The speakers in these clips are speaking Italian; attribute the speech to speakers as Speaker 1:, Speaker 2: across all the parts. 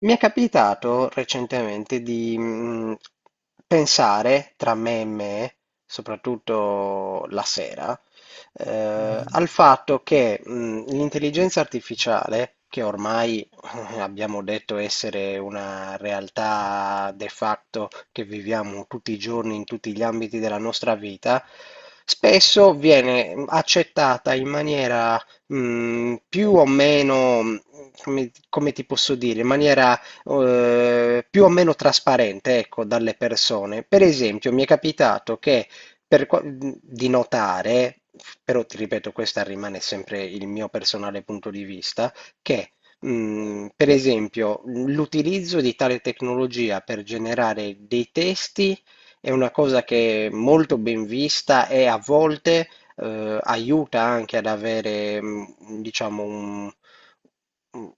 Speaker 1: Mi è capitato recentemente di pensare tra me e me, soprattutto la sera,
Speaker 2: Mhm.
Speaker 1: al fatto che l'intelligenza artificiale, che ormai abbiamo detto essere una realtà de facto che viviamo tutti i giorni in tutti gli ambiti della nostra vita, spesso viene accettata in maniera più o meno, come ti posso dire, in maniera più o meno trasparente, ecco, dalle persone. Per esempio, mi è capitato che di notare, però ti ripeto, questa rimane sempre il mio personale punto di vista, che per esempio l'utilizzo di tale tecnologia per generare dei testi è una cosa che è molto ben vista e a volte aiuta anche ad avere, diciamo, un, mm,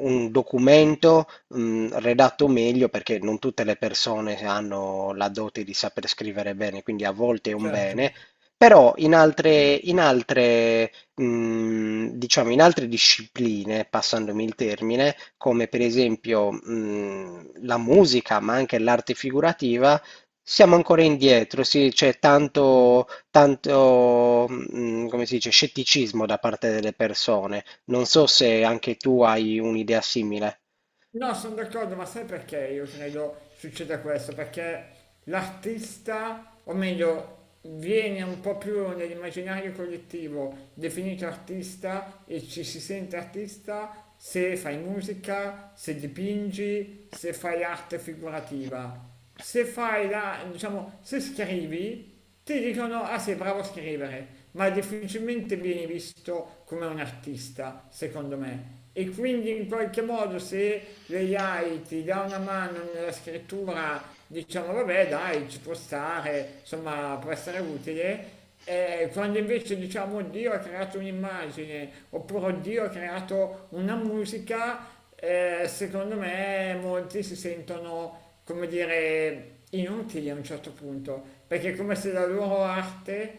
Speaker 1: un documento redatto meglio perché non tutte le persone hanno la dote di saper scrivere bene, quindi a volte è un
Speaker 2: Certo.
Speaker 1: bene, però in altre, diciamo, in altre discipline, passandomi il termine, come per esempio la musica, ma anche l'arte figurativa, siamo ancora indietro, sì, c'è tanto, come si dice, scetticismo da parte delle persone. Non so se anche tu hai un'idea simile.
Speaker 2: No, sono d'accordo, ma sai perché io credo succeda questo? Perché l'artista, o meglio, viene un po' più nell'immaginario collettivo definito artista e ci si sente artista se fai musica, se dipingi, se fai arte figurativa. Se fai la, diciamo, se scrivi, ti dicono ah sei bravo a scrivere, ma difficilmente viene visto come un artista, secondo me. E quindi in qualche modo se l'AI ti dà una mano nella scrittura, diciamo vabbè dai, ci può stare, insomma può essere utile. Quando invece diciamo Dio ha creato un'immagine oppure Dio ha creato una musica, secondo me molti si sentono, come dire, inutili a un certo punto, perché è come se la loro arte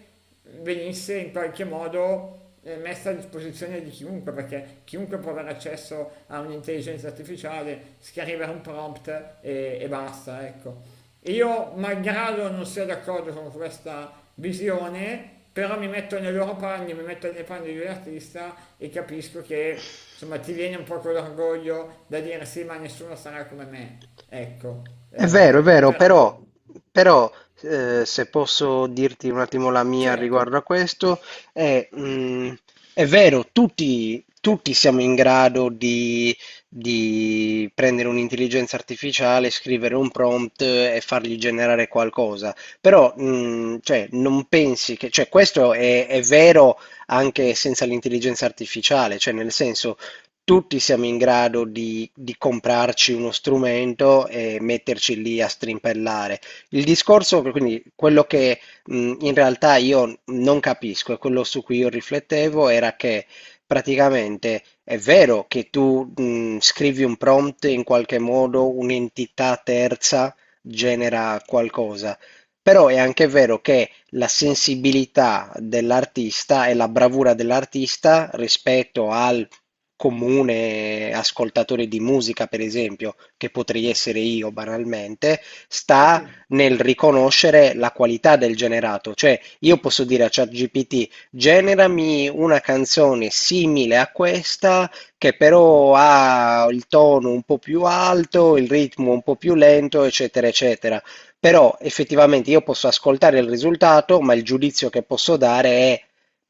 Speaker 2: venisse in qualche modo messa a disposizione di chiunque, perché chiunque può avere accesso a un'intelligenza artificiale, scrivere un prompt e basta, ecco. Io, malgrado non sia d'accordo con questa visione, però mi metto nei loro panni, mi metto nei panni di un artista e capisco che insomma ti viene un po' quell'orgoglio da dire sì, ma nessuno sarà come me. Ecco.
Speaker 1: È vero,
Speaker 2: Però
Speaker 1: però, però, se posso dirti un attimo la mia
Speaker 2: certo,
Speaker 1: riguardo a questo, è, mhmm, è vero, tutti siamo in grado di prendere un'intelligenza artificiale, scrivere un prompt e fargli generare qualcosa, però, cioè, non pensi cioè, questo è vero anche senza l'intelligenza artificiale, cioè, nel senso, tutti siamo in grado di comprarci uno strumento e metterci lì a strimpellare. Il discorso, quindi quello che in realtà io non capisco e quello su cui io riflettevo era che praticamente è vero che tu scrivi un prompt in qualche modo, un'entità terza genera qualcosa, però è anche vero che la sensibilità dell'artista e la bravura dell'artista rispetto al comune ascoltatore di musica, per esempio, che potrei essere io banalmente,
Speaker 2: sì,
Speaker 1: sta
Speaker 2: sì.
Speaker 1: nel riconoscere la qualità del generato. Cioè, io posso dire a ChatGPT, generami una canzone simile a questa, che però ha il tono un po' più alto, il ritmo un po' più lento, eccetera, eccetera. Però effettivamente io posso ascoltare il risultato, ma il giudizio che posso dare è: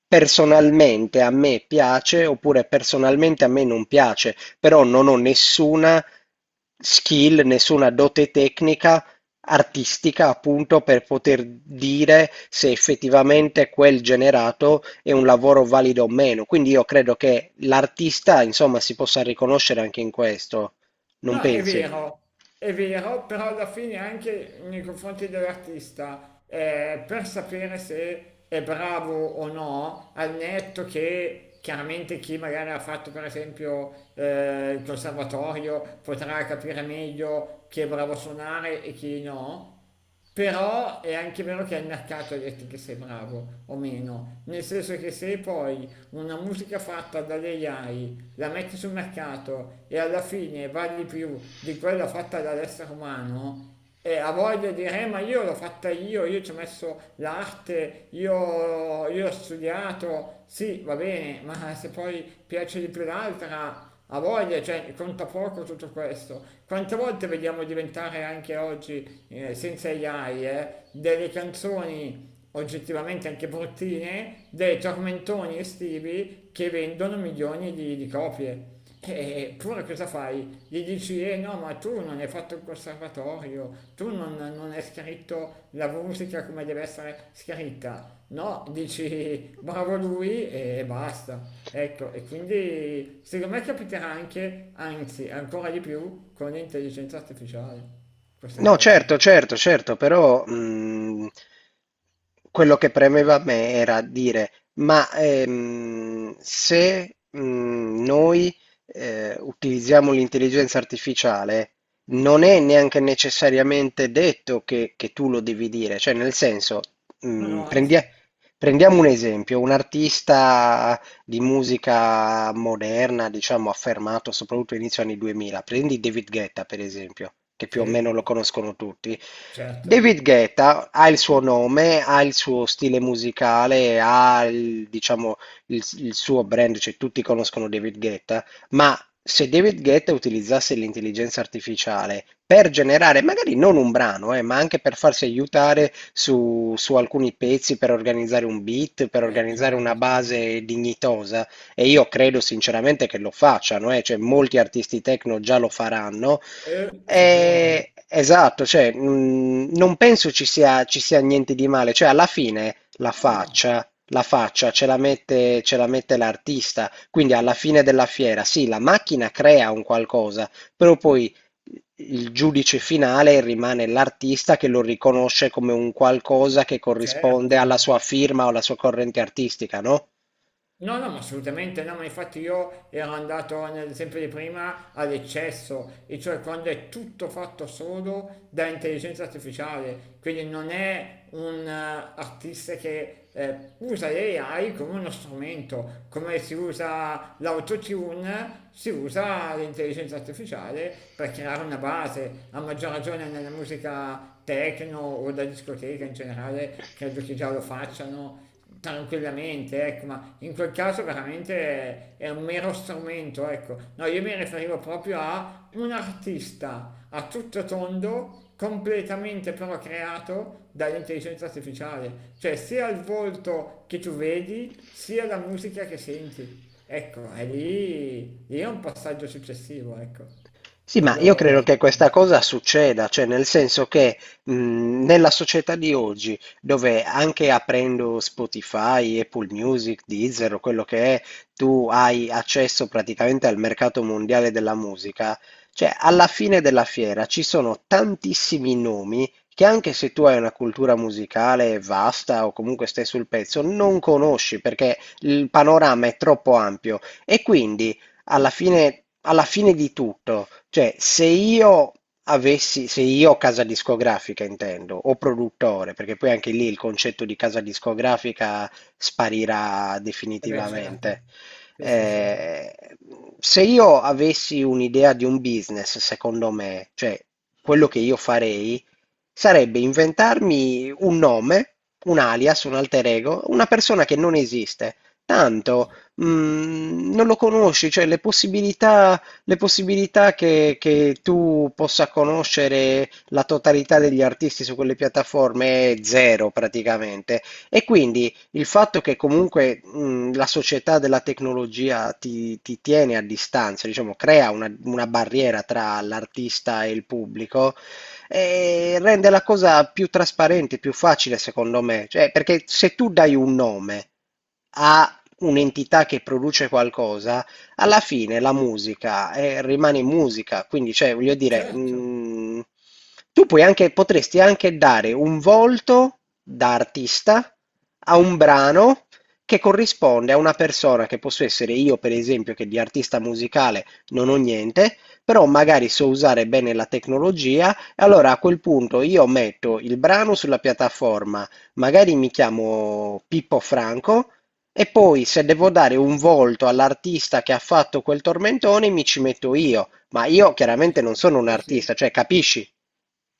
Speaker 1: personalmente a me piace oppure personalmente a me non piace, però non ho nessuna skill, nessuna dote tecnica artistica appunto per poter dire se effettivamente quel generato è un lavoro valido o meno. Quindi io credo che l'artista insomma si possa riconoscere anche in questo, non
Speaker 2: No,
Speaker 1: pensi?
Speaker 2: è vero, però alla fine anche nei confronti dell'artista, per sapere se è bravo o no, al netto che chiaramente chi magari ha fatto per esempio il conservatorio potrà capire meglio chi è bravo a suonare e chi no. Però è anche vero che è il mercato a dirti che sei bravo o meno, nel senso che se poi una musica fatta dall'AI la metti sul mercato e alla fine vale di più di quella fatta dall'essere umano e ha voglia di dire ma io l'ho fatta io ci ho messo l'arte, io ho studiato, sì va bene, ma se poi piace di più l'altra ha voglia, cioè conta poco tutto questo. Quante volte vediamo diventare anche oggi, senza AI, delle canzoni oggettivamente anche bruttine dei tormentoni estivi che vendono milioni di copie. Eppure cosa fai? Gli dici, eh no, ma tu non hai fatto il conservatorio, tu non hai scritto la musica come deve essere scritta. No, dici, bravo lui e basta. Ecco, e quindi secondo me capiterà anche, anzi, ancora di più con l'intelligenza artificiale, questa
Speaker 1: No,
Speaker 2: cosa.
Speaker 1: certo, certo, certo, però quello che premeva a me era dire, ma se noi utilizziamo l'intelligenza artificiale, non è neanche necessariamente detto che tu lo devi dire, cioè nel senso,
Speaker 2: Ma no,
Speaker 1: mh, prendi-
Speaker 2: anzi,
Speaker 1: prendiamo un esempio, un artista di musica moderna, diciamo, affermato soprattutto inizio anni 2000. Prendi David Guetta, per esempio, che più
Speaker 2: sì,
Speaker 1: o meno lo conoscono tutti.
Speaker 2: certo.
Speaker 1: David Guetta ha il suo nome, ha il suo stile musicale, ha diciamo, il suo brand, cioè tutti conoscono David Guetta, ma se David Guetta utilizzasse l'intelligenza artificiale per generare, magari non un brano, ma anche per farsi aiutare su alcuni pezzi, per organizzare un beat, per
Speaker 2: Vabbè,
Speaker 1: organizzare
Speaker 2: certo,
Speaker 1: una
Speaker 2: certo.
Speaker 1: base dignitosa, e io credo sinceramente che lo facciano, cioè molti artisti techno già lo faranno.
Speaker 2: Sicuro?
Speaker 1: Esatto, cioè, non penso ci sia niente di male, cioè alla fine
Speaker 2: Ma no,
Speaker 1: la faccia ce la ce la mette l'artista. Quindi alla fine della fiera, sì, la macchina crea un qualcosa, però poi il giudice finale rimane l'artista che lo riconosce come un qualcosa che corrisponde
Speaker 2: certo.
Speaker 1: alla sua firma o alla sua corrente artistica, no?
Speaker 2: No, no, ma assolutamente no, ma infatti io ero andato nell'esempio di prima all'eccesso, e cioè quando è tutto fatto solo da intelligenza artificiale, quindi non è un artista che usa l'AI come uno strumento, come si usa l'autotune, si usa l'intelligenza artificiale per creare una base, a maggior ragione nella musica techno o da discoteca in generale, credo che già lo facciano tranquillamente, ecco, ma in quel caso veramente è un mero strumento, ecco. No, io mi riferivo proprio a un artista a tutto tondo, completamente però creato dall'intelligenza artificiale, cioè sia il volto che tu vedi, sia la musica che senti. Ecco, è lì, lì è un passaggio successivo, ecco.
Speaker 1: Sì, ma io
Speaker 2: Quello,
Speaker 1: credo che questa cosa succeda, cioè nel senso che nella società di oggi, dove anche aprendo Spotify, Apple Music, Deezer o quello che è, tu hai accesso praticamente al mercato mondiale della musica, cioè alla fine della fiera ci sono tantissimi nomi che anche se tu hai una cultura musicale vasta o comunque stai sul pezzo, non conosci perché il panorama è troppo ampio e quindi alla fine di tutto, cioè se io avessi, se io casa discografica intendo, o produttore, perché poi anche lì il concetto di casa discografica sparirà
Speaker 2: eh beh, certo.
Speaker 1: definitivamente.
Speaker 2: Sì, sì, sì.
Speaker 1: Eh, se io avessi un'idea di un business, secondo me, cioè quello che io farei sarebbe inventarmi un nome, un alias, un alter ego, una persona che non esiste. Tanto non lo conosci, cioè le possibilità che tu possa conoscere la totalità degli artisti su quelle piattaforme è zero praticamente. E quindi il fatto che comunque la società della tecnologia ti tiene a distanza, diciamo, crea una barriera tra l'artista e il pubblico, rende la cosa più trasparente, più facile secondo me. Cioè, perché se tu dai un nome a un'entità che produce qualcosa, alla fine la musica rimane musica, quindi cioè, voglio dire,
Speaker 2: Certo.
Speaker 1: tu puoi anche, potresti anche dare un volto da artista a un brano che corrisponde a una persona che posso essere io, per esempio, che di artista musicale non ho niente, però magari so usare bene la tecnologia, e allora a quel punto io metto il brano sulla piattaforma, magari mi chiamo Pippo Franco e poi se devo dare un volto all'artista che ha fatto quel tormentone mi ci metto io, ma io
Speaker 2: No,
Speaker 1: chiaramente non
Speaker 2: certo,
Speaker 1: sono un
Speaker 2: quello sì.
Speaker 1: artista, cioè capisci?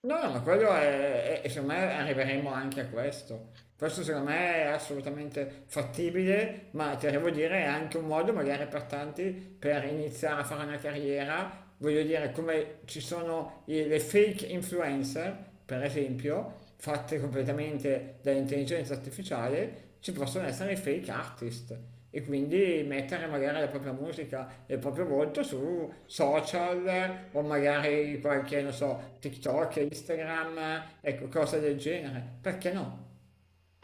Speaker 2: No, no, ma quello è- e secondo me arriveremo anche a questo. Questo secondo me è assolutamente fattibile, ma ti devo dire è anche un modo magari per tanti per iniziare a fare una carriera. Voglio dire, come ci sono i- le fake influencer, per esempio, fatte completamente dall'intelligenza artificiale, ci possono essere i fake artist e quindi mettere magari la propria musica e il proprio volto su social o magari qualche, non so, TikTok, Instagram, ecco, cose del genere. Perché no?